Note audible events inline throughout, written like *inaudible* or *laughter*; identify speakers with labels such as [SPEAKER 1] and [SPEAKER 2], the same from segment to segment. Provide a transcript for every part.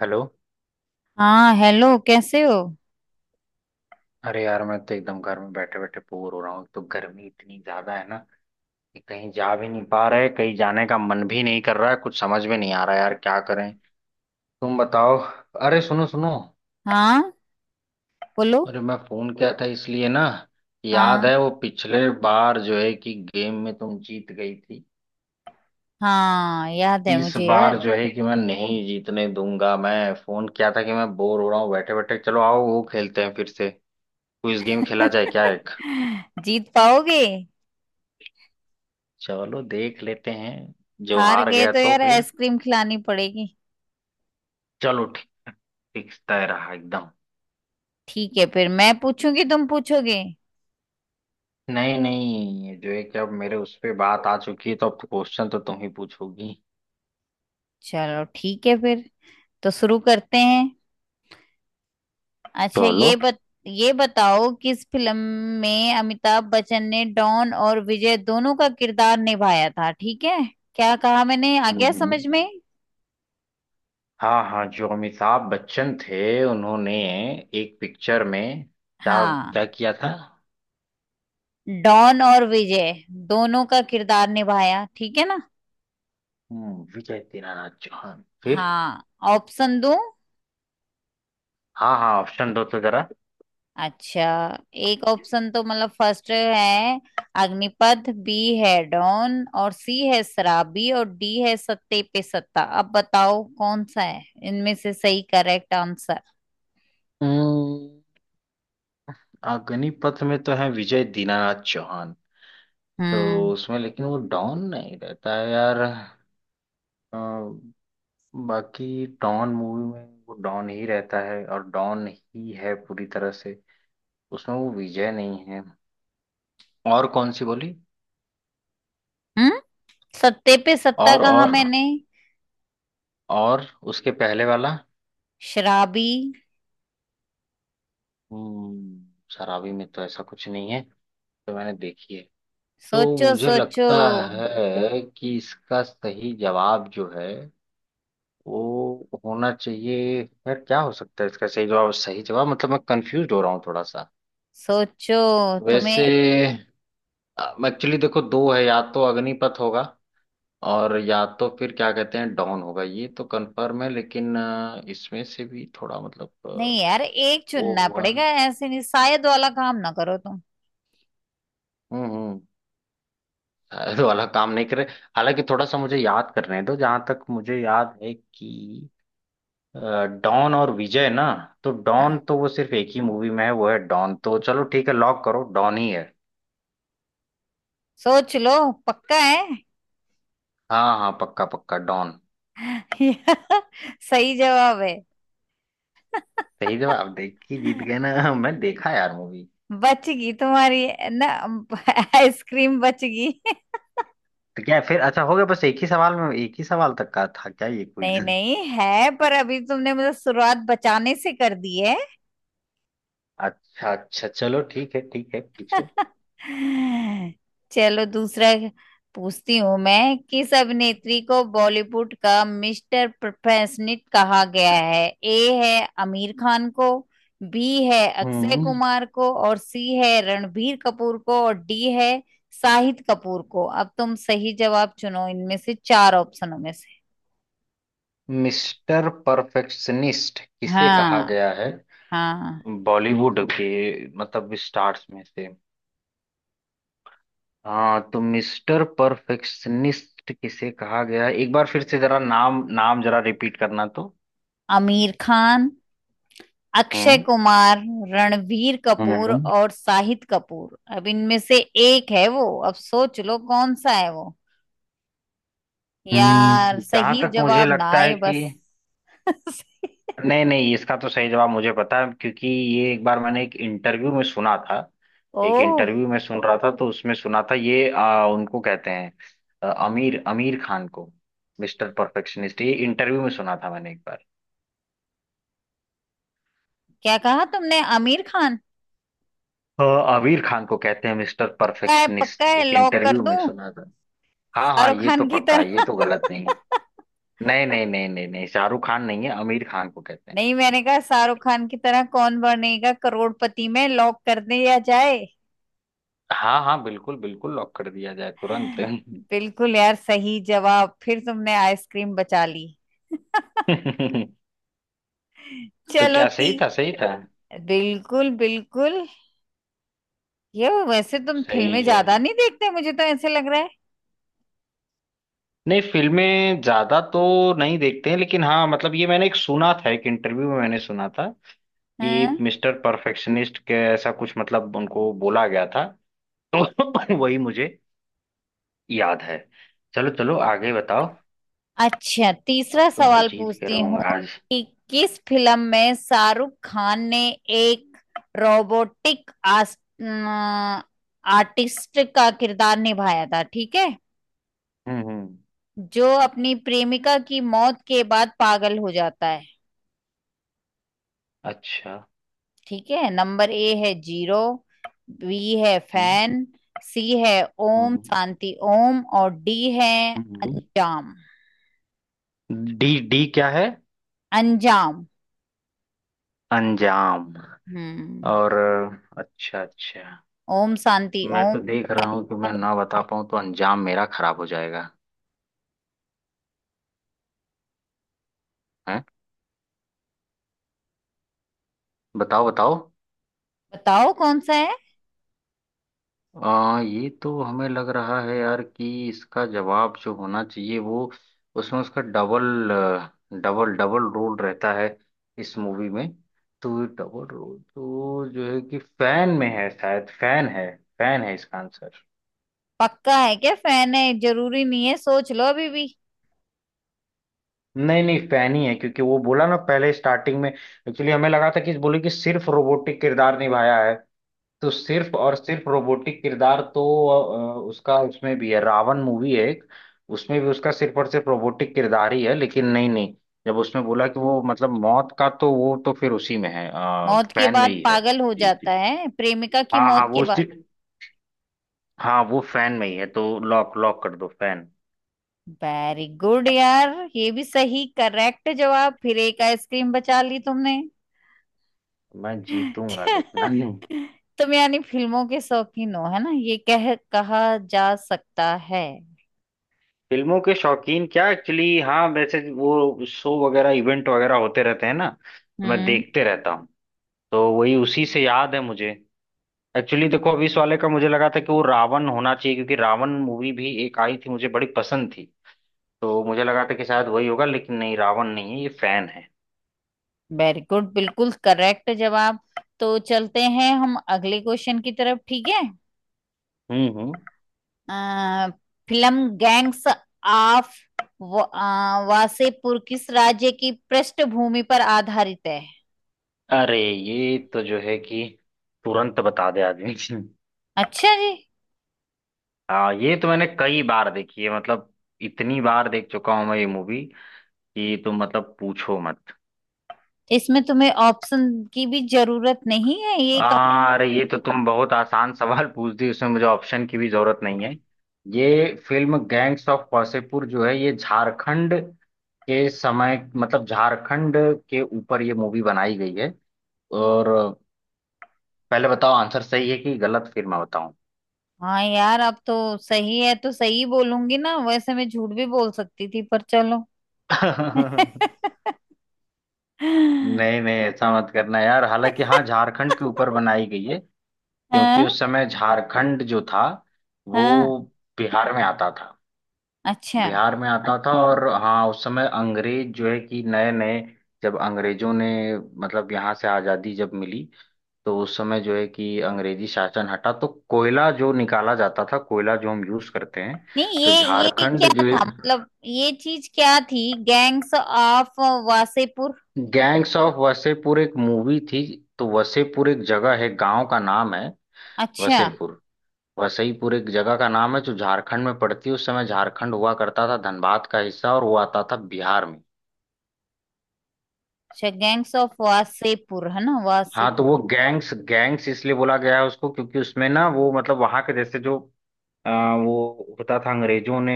[SPEAKER 1] Hello.
[SPEAKER 2] हाँ hello, कैसे हो।
[SPEAKER 1] अरे यार, मैं तो एकदम घर में बैठे बैठे बोर हो रहा हूँ। एक तो गर्मी इतनी ज्यादा है ना कि कहीं जा भी नहीं पा रहे, कहीं जाने का मन भी नहीं कर रहा है। कुछ समझ में नहीं आ रहा यार, क्या करें। तुम बताओ। अरे सुनो सुनो।
[SPEAKER 2] हाँ बोलो।
[SPEAKER 1] अरे मैं फोन किया था इसलिए ना।
[SPEAKER 2] हाँ
[SPEAKER 1] याद है वो पिछले बार जो है कि गेम में तुम जीत गई थी।
[SPEAKER 2] हाँ, याद है
[SPEAKER 1] इस
[SPEAKER 2] मुझे यार।
[SPEAKER 1] बार जो है कि मैं नहीं जीतने दूंगा। मैं फोन किया था कि मैं बोर हो रहा हूँ बैठे बैठे, चलो आओ वो खेलते हैं फिर से। क्विज गेम खेला जाए क्या एक।
[SPEAKER 2] *laughs* जीत पाओगे?
[SPEAKER 1] चलो देख लेते हैं। जो
[SPEAKER 2] हार
[SPEAKER 1] हार
[SPEAKER 2] गए
[SPEAKER 1] गया
[SPEAKER 2] तो
[SPEAKER 1] तो
[SPEAKER 2] यार
[SPEAKER 1] फिर।
[SPEAKER 2] आइसक्रीम खिलानी पड़ेगी।
[SPEAKER 1] चलो ठीक। फिक्स तय रहा एकदम।
[SPEAKER 2] ठीक है फिर, मैं पूछूंगी, तुम पूछोगे।
[SPEAKER 1] नहीं नहीं, ये जो है कि अब मेरे उस पे बात आ चुकी है, तो अब क्वेश्चन तो तुम ही पूछोगी।
[SPEAKER 2] चलो ठीक है फिर, तो शुरू करते हैं। अच्छा
[SPEAKER 1] चलो।
[SPEAKER 2] ये बताओ, किस फिल्म में अमिताभ बच्चन ने डॉन और विजय दोनों का किरदार निभाया था। ठीक है? क्या कहा मैंने, आ गया
[SPEAKER 1] हम्म।
[SPEAKER 2] समझ में?
[SPEAKER 1] हाँ हाँ, जो अमिताभ बच्चन थे उन्होंने एक पिक्चर में क्या क्या
[SPEAKER 2] हाँ,
[SPEAKER 1] किया था।
[SPEAKER 2] डॉन और विजय दोनों का किरदार निभाया, ठीक है ना।
[SPEAKER 1] विजय दीनानाथ चौहान फिर।
[SPEAKER 2] हाँ, ऑप्शन दूं?
[SPEAKER 1] हाँ हाँ, ऑप्शन दो तो जरा।
[SPEAKER 2] अच्छा, एक ऑप्शन तो मतलब फर्स्ट है अग्निपथ, बी है डॉन, और सी है शराबी, और डी है सत्ते पे सत्ता। अब बताओ कौन सा है इनमें से सही करेक्ट आंसर।
[SPEAKER 1] हम्म, अग्निपथ में तो है विजय दीनानाथ चौहान। तो
[SPEAKER 2] हम्म।
[SPEAKER 1] उसमें लेकिन वो डॉन नहीं रहता है यार। अ, बाकी डॉन मूवी में वो डॉन ही रहता है और डॉन ही है पूरी तरह से। उसमें वो विजय नहीं है। और कौन सी बोली।
[SPEAKER 2] हम्म, सत्ते पे सत्ता
[SPEAKER 1] और
[SPEAKER 2] कहा
[SPEAKER 1] और
[SPEAKER 2] मैंने।
[SPEAKER 1] और उसके पहले वाला।
[SPEAKER 2] शराबी।
[SPEAKER 1] हम्म, शराबी में तो ऐसा कुछ नहीं है, तो मैंने देखी है। तो
[SPEAKER 2] सोचो
[SPEAKER 1] मुझे
[SPEAKER 2] सोचो।
[SPEAKER 1] लगता है कि इसका सही जवाब जो है वो होना चाहिए। यार क्या हो सकता है इसका सही जवाब? सही जवाब मतलब मैं कंफ्यूज हो रहा हूँ थोड़ा सा
[SPEAKER 2] सोचो
[SPEAKER 1] वैसे।
[SPEAKER 2] तुम्हें।
[SPEAKER 1] एक्चुअली देखो दो है, या तो अग्निपथ होगा और या तो फिर क्या कहते हैं डॉन होगा, ये तो कंफर्म है लेकिन इसमें से भी थोड़ा मतलब
[SPEAKER 2] नहीं यार, एक
[SPEAKER 1] वो
[SPEAKER 2] चुनना
[SPEAKER 1] हुआ।
[SPEAKER 2] पड़ेगा, ऐसे नहीं। शायद वाला काम ना करो तुम।
[SPEAKER 1] हम्म शायद *laughs* वाला काम नहीं करे। हालांकि थोड़ा सा मुझे याद करने दो, जहां तक मुझे याद है कि अ, डॉन और विजय ना, तो डॉन
[SPEAKER 2] हाँ,
[SPEAKER 1] तो वो सिर्फ एक ही मूवी में है, वो है डॉन। तो चलो ठीक है, लॉक करो, डॉन ही है।
[SPEAKER 2] सोच लो, पक्का है?
[SPEAKER 1] हाँ हाँ, पक्का पक्का डॉन।
[SPEAKER 2] *laughs* सही जवाब है।
[SPEAKER 1] सही
[SPEAKER 2] *laughs*
[SPEAKER 1] जवाब देख के जीत गए ना *laughs* मैं देखा यार मूवी।
[SPEAKER 2] बचगी तुम्हारी ना, आइसक्रीम बचगी। *laughs*
[SPEAKER 1] तो क्या फिर अच्छा हो गया? बस एक ही सवाल में? एक ही सवाल तक का था क्या ये क्विज?
[SPEAKER 2] नहीं नहीं है, पर अभी तुमने मुझे शुरुआत बचाने से कर दी है।
[SPEAKER 1] अच्छा अच्छा, चलो ठीक है ठीक है, पूछो।
[SPEAKER 2] चलो दूसरा पूछती हूँ मैं। किस अभिनेत्री को बॉलीवुड का मिस्टर परफेक्शनिस्ट कहा गया है? ए है आमिर खान को, बी है अक्षय
[SPEAKER 1] हम्म।
[SPEAKER 2] कुमार को, और सी है रणबीर कपूर को, और डी है शाहिद कपूर को। अब तुम सही जवाब चुनो इनमें से, चार ऑप्शनों में से।
[SPEAKER 1] मिस्टर परफेक्शनिस्ट किसे कहा
[SPEAKER 2] हाँ
[SPEAKER 1] गया है?
[SPEAKER 2] हाँ।
[SPEAKER 1] बॉलीवुड के मतलब स्टार्स में से? हाँ, तो मिस्टर परफेक्शनिस्ट किसे कहा गया है, एक बार फिर से जरा नाम नाम जरा रिपीट करना तो।
[SPEAKER 2] आमिर खान, अक्षय
[SPEAKER 1] हम्म।
[SPEAKER 2] कुमार, रणवीर कपूर
[SPEAKER 1] हम्म।
[SPEAKER 2] और शाहिद कपूर। अब इनमें से एक है वो, अब सोच लो कौन सा है वो। यार
[SPEAKER 1] जहाँ
[SPEAKER 2] सही
[SPEAKER 1] तक मुझे
[SPEAKER 2] जवाब ना
[SPEAKER 1] लगता
[SPEAKER 2] आए
[SPEAKER 1] है कि
[SPEAKER 2] बस। *laughs*
[SPEAKER 1] नहीं नहीं, इसका तो सही जवाब मुझे पता है, क्योंकि ये एक बार मैंने एक इंटरव्यू में सुना था। एक
[SPEAKER 2] ओह,
[SPEAKER 1] इंटरव्यू में सुन रहा था, तो उसमें सुना था ये। उनको कहते हैं आमिर आमिर खान को मिस्टर परफेक्शनिस्ट। ये इंटरव्यू में सुना था मैंने एक बार।
[SPEAKER 2] क्या कहा तुमने, आमिर खान?
[SPEAKER 1] अ, आमिर खान को कहते हैं मिस्टर
[SPEAKER 2] पक्का है? पक्का
[SPEAKER 1] परफेक्शनिस्ट,
[SPEAKER 2] है,
[SPEAKER 1] एक
[SPEAKER 2] लॉक कर
[SPEAKER 1] इंटरव्यू में
[SPEAKER 2] दूं?
[SPEAKER 1] सुना था। हाँ हाँ,
[SPEAKER 2] शाहरुख
[SPEAKER 1] ये तो
[SPEAKER 2] खान की
[SPEAKER 1] पक्का है, ये
[SPEAKER 2] तरह।
[SPEAKER 1] तो गलत
[SPEAKER 2] *laughs*
[SPEAKER 1] नहीं है। नहीं नहीं नहीं नहीं नहीं, शाहरुख खान नहीं है, आमिर खान को कहते हैं।
[SPEAKER 2] नहीं, मैंने कहा शाहरुख खान की तरह, कौन बनेगा करोड़पति में लॉक कर दिया जाए।
[SPEAKER 1] हाँ हाँ, बिल्कुल बिल्कुल, लॉक कर दिया जाए तुरंत।
[SPEAKER 2] बिल्कुल यार सही जवाब, फिर तुमने आइसक्रीम बचा ली।
[SPEAKER 1] *laughs* तो
[SPEAKER 2] चलो
[SPEAKER 1] क्या
[SPEAKER 2] ती।
[SPEAKER 1] सही था? सही था?
[SPEAKER 2] बिल्कुल बिल्कुल। ये वैसे तुम
[SPEAKER 1] सही
[SPEAKER 2] फिल्में
[SPEAKER 1] है।
[SPEAKER 2] ज्यादा नहीं देखते, मुझे तो ऐसे लग रहा है।
[SPEAKER 1] नहीं, फिल्में ज्यादा तो नहीं देखते हैं, लेकिन हाँ, मतलब ये मैंने एक सुना था, एक इंटरव्यू में मैंने सुना था कि
[SPEAKER 2] हाँ,
[SPEAKER 1] मिस्टर परफेक्शनिस्ट के ऐसा कुछ मतलब उनको बोला गया था। तो *laughs* वही मुझे याद है। चलो चलो, आगे बताओ।
[SPEAKER 2] अच्छा तीसरा
[SPEAKER 1] अब तो मैं
[SPEAKER 2] सवाल
[SPEAKER 1] जीत के
[SPEAKER 2] पूछती हूँ,
[SPEAKER 1] रहूंगा आज।
[SPEAKER 2] कि किस फिल्म में शाहरुख खान ने एक रोबोटिक अम, आर्टिस्ट का किरदार निभाया था, ठीक है?
[SPEAKER 1] हम्म।
[SPEAKER 2] जो अपनी प्रेमिका की मौत के बाद पागल हो जाता है।
[SPEAKER 1] अच्छा।
[SPEAKER 2] ठीक है, नंबर ए है जीरो, बी है
[SPEAKER 1] हम्म।
[SPEAKER 2] फैन, सी है ओम
[SPEAKER 1] हम्म।
[SPEAKER 2] शांति ओम, और डी है
[SPEAKER 1] हम्म।
[SPEAKER 2] अंजाम।
[SPEAKER 1] हम्म। डी डी क्या है?
[SPEAKER 2] अंजाम।
[SPEAKER 1] अंजाम?
[SPEAKER 2] हम्म।
[SPEAKER 1] और अच्छा अच्छा।
[SPEAKER 2] ओम शांति
[SPEAKER 1] मैं
[SPEAKER 2] ओम।
[SPEAKER 1] तो देख रहा हूँ कि मैं ना बता पाऊँ तो अंजाम मेरा खराब हो जाएगा। हैं? बताओ बताओ।
[SPEAKER 2] बताओ कौन सा है।
[SPEAKER 1] ये तो हमें लग रहा है यार कि इसका जवाब जो होना चाहिए वो उसमें उसका डबल डबल डबल रोल रहता है इस मूवी में। तो डबल रोल तो जो है कि फैन में है शायद। फैन है। फैन है इसका आंसर।
[SPEAKER 2] पक्का है क्या? फैन है? जरूरी नहीं है, सोच लो अभी भी।
[SPEAKER 1] नहीं नहीं, फैन ही है, क्योंकि वो बोला ना पहले स्टार्टिंग में। एक्चुअली हमें लगा था कि बोले कि सिर्फ रोबोटिक किरदार निभाया है। तो सिर्फ और सिर्फ रोबोटिक किरदार तो उसका उसमें भी है। रावण मूवी है एक, उसमें भी उसका सिर्फ और सिर्फ रोबोटिक किरदार ही है, लेकिन नहीं नहीं। जब उसमें बोला कि वो मतलब मौत का, तो वो तो फिर उसी में है।
[SPEAKER 2] मौत के
[SPEAKER 1] फैन में
[SPEAKER 2] बाद
[SPEAKER 1] ही है।
[SPEAKER 2] पागल हो
[SPEAKER 1] जी
[SPEAKER 2] जाता
[SPEAKER 1] जी,
[SPEAKER 2] है, प्रेमिका की
[SPEAKER 1] हाँ
[SPEAKER 2] मौत
[SPEAKER 1] हाँ,
[SPEAKER 2] के
[SPEAKER 1] वो उसी।
[SPEAKER 2] बाद।
[SPEAKER 1] हाँ वो फैन में ही है, तो लॉक लॉक कर दो फैन।
[SPEAKER 2] वेरी गुड यार, ये भी सही करेक्ट जवाब, फिर एक आइसक्रीम बचा ली तुमने।
[SPEAKER 1] मैं जीतूंगा देखना। हम्म।
[SPEAKER 2] तुम यानी फिल्मों के शौकीन हो, है ना, ये कह कहा जा सकता है।
[SPEAKER 1] फिल्मों के शौकीन क्या? एक्चुअली हाँ, वैसे वो शो वगैरह इवेंट वगैरह होते रहते हैं ना, तो मैं
[SPEAKER 2] हम्म।
[SPEAKER 1] देखते रहता हूँ। तो वही उसी से याद है मुझे। एक्चुअली देखो, अभी इस वाले का मुझे लगा था कि वो रावण होना चाहिए, क्योंकि रावण मूवी भी एक आई थी, मुझे बड़ी पसंद थी। तो मुझे लगा था कि शायद वही होगा, लेकिन नहीं, रावण नहीं है, ये फैन है।
[SPEAKER 2] वेरी गुड, बिल्कुल करेक्ट जवाब। तो चलते हैं हम अगले क्वेश्चन की तरफ, ठीक है।
[SPEAKER 1] हम्म। हम्म।
[SPEAKER 2] अ, फिल्म गैंग्स ऑफ वासेपुर किस राज्य की पृष्ठभूमि पर आधारित है?
[SPEAKER 1] अरे ये तो जो है कि तुरंत बता दे आदमी *laughs*
[SPEAKER 2] अच्छा जी।
[SPEAKER 1] हाँ ये तो मैंने कई बार देखी है, मतलब इतनी बार देख चुका हूँ मैं ये मूवी कि तुम मतलब पूछो मत।
[SPEAKER 2] इसमें तुम्हें ऑप्शन की भी जरूरत नहीं है ये।
[SPEAKER 1] अरे ये तो तुम बहुत आसान सवाल पूछ दी, उसमें मुझे ऑप्शन की भी जरूरत नहीं है। ये फिल्म गैंग्स ऑफ वासेपुर जो है, ये झारखंड के समय मतलब झारखंड के ऊपर ये मूवी बनाई गई है। और पहले बताओ आंसर सही है कि गलत, फिर मैं बताऊं।
[SPEAKER 2] हाँ यार, अब तो सही है तो सही बोलूंगी ना, वैसे मैं झूठ भी बोल सकती थी पर चलो।
[SPEAKER 1] *laughs*
[SPEAKER 2] *laughs*
[SPEAKER 1] नहीं नहीं, ऐसा मत करना यार। हालांकि हाँ, झारखंड के ऊपर बनाई गई है, क्योंकि
[SPEAKER 2] हाँ
[SPEAKER 1] उस समय झारखंड जो था
[SPEAKER 2] हाँ।
[SPEAKER 1] वो बिहार में आता था।
[SPEAKER 2] अच्छा।
[SPEAKER 1] बिहार में आता था। अच्छा, और हाँ, उस समय अंग्रेज जो है कि नए नए, जब अंग्रेजों ने मतलब यहाँ से आज़ादी जब मिली, तो उस समय जो है कि अंग्रेजी शासन हटा, तो कोयला जो निकाला जाता था, कोयला जो हम यूज करते हैं,
[SPEAKER 2] नहीं
[SPEAKER 1] तो
[SPEAKER 2] ये, ये
[SPEAKER 1] झारखंड
[SPEAKER 2] क्या
[SPEAKER 1] जो है।
[SPEAKER 2] था मतलब, ये चीज क्या थी, Gangs of Wasseypur?
[SPEAKER 1] Gangs of Wasseypur एक मूवी थी। तो वसेपुर एक जगह है, गांव का नाम है।
[SPEAKER 2] अच्छा।
[SPEAKER 1] वसेपुर वसईपुर एक जगह का नाम है, जो झारखंड में पड़ती है। उस समय झारखंड हुआ करता था धनबाद का हिस्सा, और वो आता था बिहार में।
[SPEAKER 2] अच्छा, गैंग्स ऑफ वासेपुर है ना,
[SPEAKER 1] हाँ, तो वो
[SPEAKER 2] वासेपुर।
[SPEAKER 1] गैंग्स गैंग्स इसलिए बोला गया है उसको क्योंकि उसमें ना वो मतलब वहां के जैसे जो अ, वो होता था। अंग्रेजों ने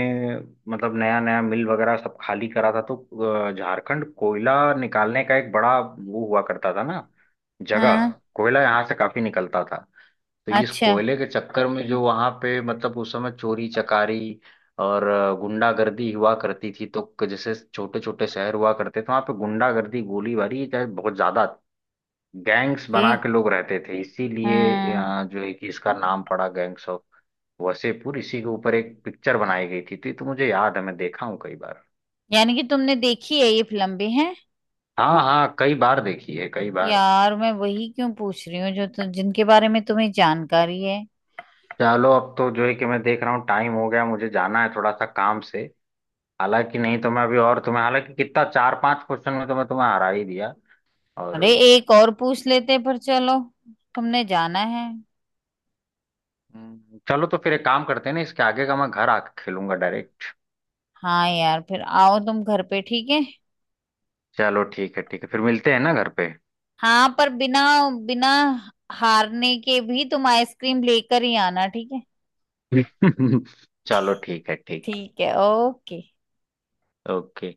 [SPEAKER 1] मतलब नया नया मिल वगैरह सब खाली करा था, तो झारखंड कोयला निकालने का एक बड़ा वो हुआ करता था ना, जगह।
[SPEAKER 2] हाँ।
[SPEAKER 1] कोयला यहाँ से काफी निकलता था। तो इस
[SPEAKER 2] अच्छा।
[SPEAKER 1] कोयले के चक्कर में जो वहां पे मतलब उस समय चोरी चकारी और गुंडागर्दी हुआ करती थी। तो जैसे छोटे छोटे शहर हुआ करते थे, वहां पे गुंडागर्दी गोलीबारी ये बहुत ज्यादा, गैंग्स
[SPEAKER 2] के।
[SPEAKER 1] बना के लोग रहते थे। इसीलिए
[SPEAKER 2] हाँ,
[SPEAKER 1] जो है कि इसका नाम पड़ा गैंग्स ऑफ वसेपुर। इसी के ऊपर एक पिक्चर बनाई गई थी। तो ये तो मुझे याद है, मैं देखा हूँ कई बार।
[SPEAKER 2] यानी कि तुमने देखी है ये फिल्म भी है।
[SPEAKER 1] हाँ हाँ, कई बार देखी है, कई बार।
[SPEAKER 2] यार मैं वही क्यों पूछ रही हूँ जो जिनके बारे में तुम्हें जानकारी है।
[SPEAKER 1] चलो, अब तो जो है कि मैं देख रहा हूँ टाइम हो गया, मुझे जाना है थोड़ा सा काम से। हालांकि नहीं तो मैं अभी और तुम्हें, हालांकि कितना चार पांच क्वेश्चन में तो मैं तुम्हें हरा ही दिया, और
[SPEAKER 2] अरे एक और पूछ लेते पर चलो, तुमने जाना है।
[SPEAKER 1] चलो, तो फिर एक काम करते हैं ना, इसके आगे का मैं घर आके खेलूंगा डायरेक्ट।
[SPEAKER 2] हाँ यार, फिर आओ तुम घर पे, ठीक है।
[SPEAKER 1] चलो ठीक है ठीक है, फिर मिलते हैं ना घर पे।
[SPEAKER 2] हाँ, पर बिना बिना हारने के भी तुम आइसक्रीम लेकर ही आना, ठीक है।
[SPEAKER 1] *laughs* चलो ठीक है, ठीक।
[SPEAKER 2] ठीक है, ओके।
[SPEAKER 1] ओके।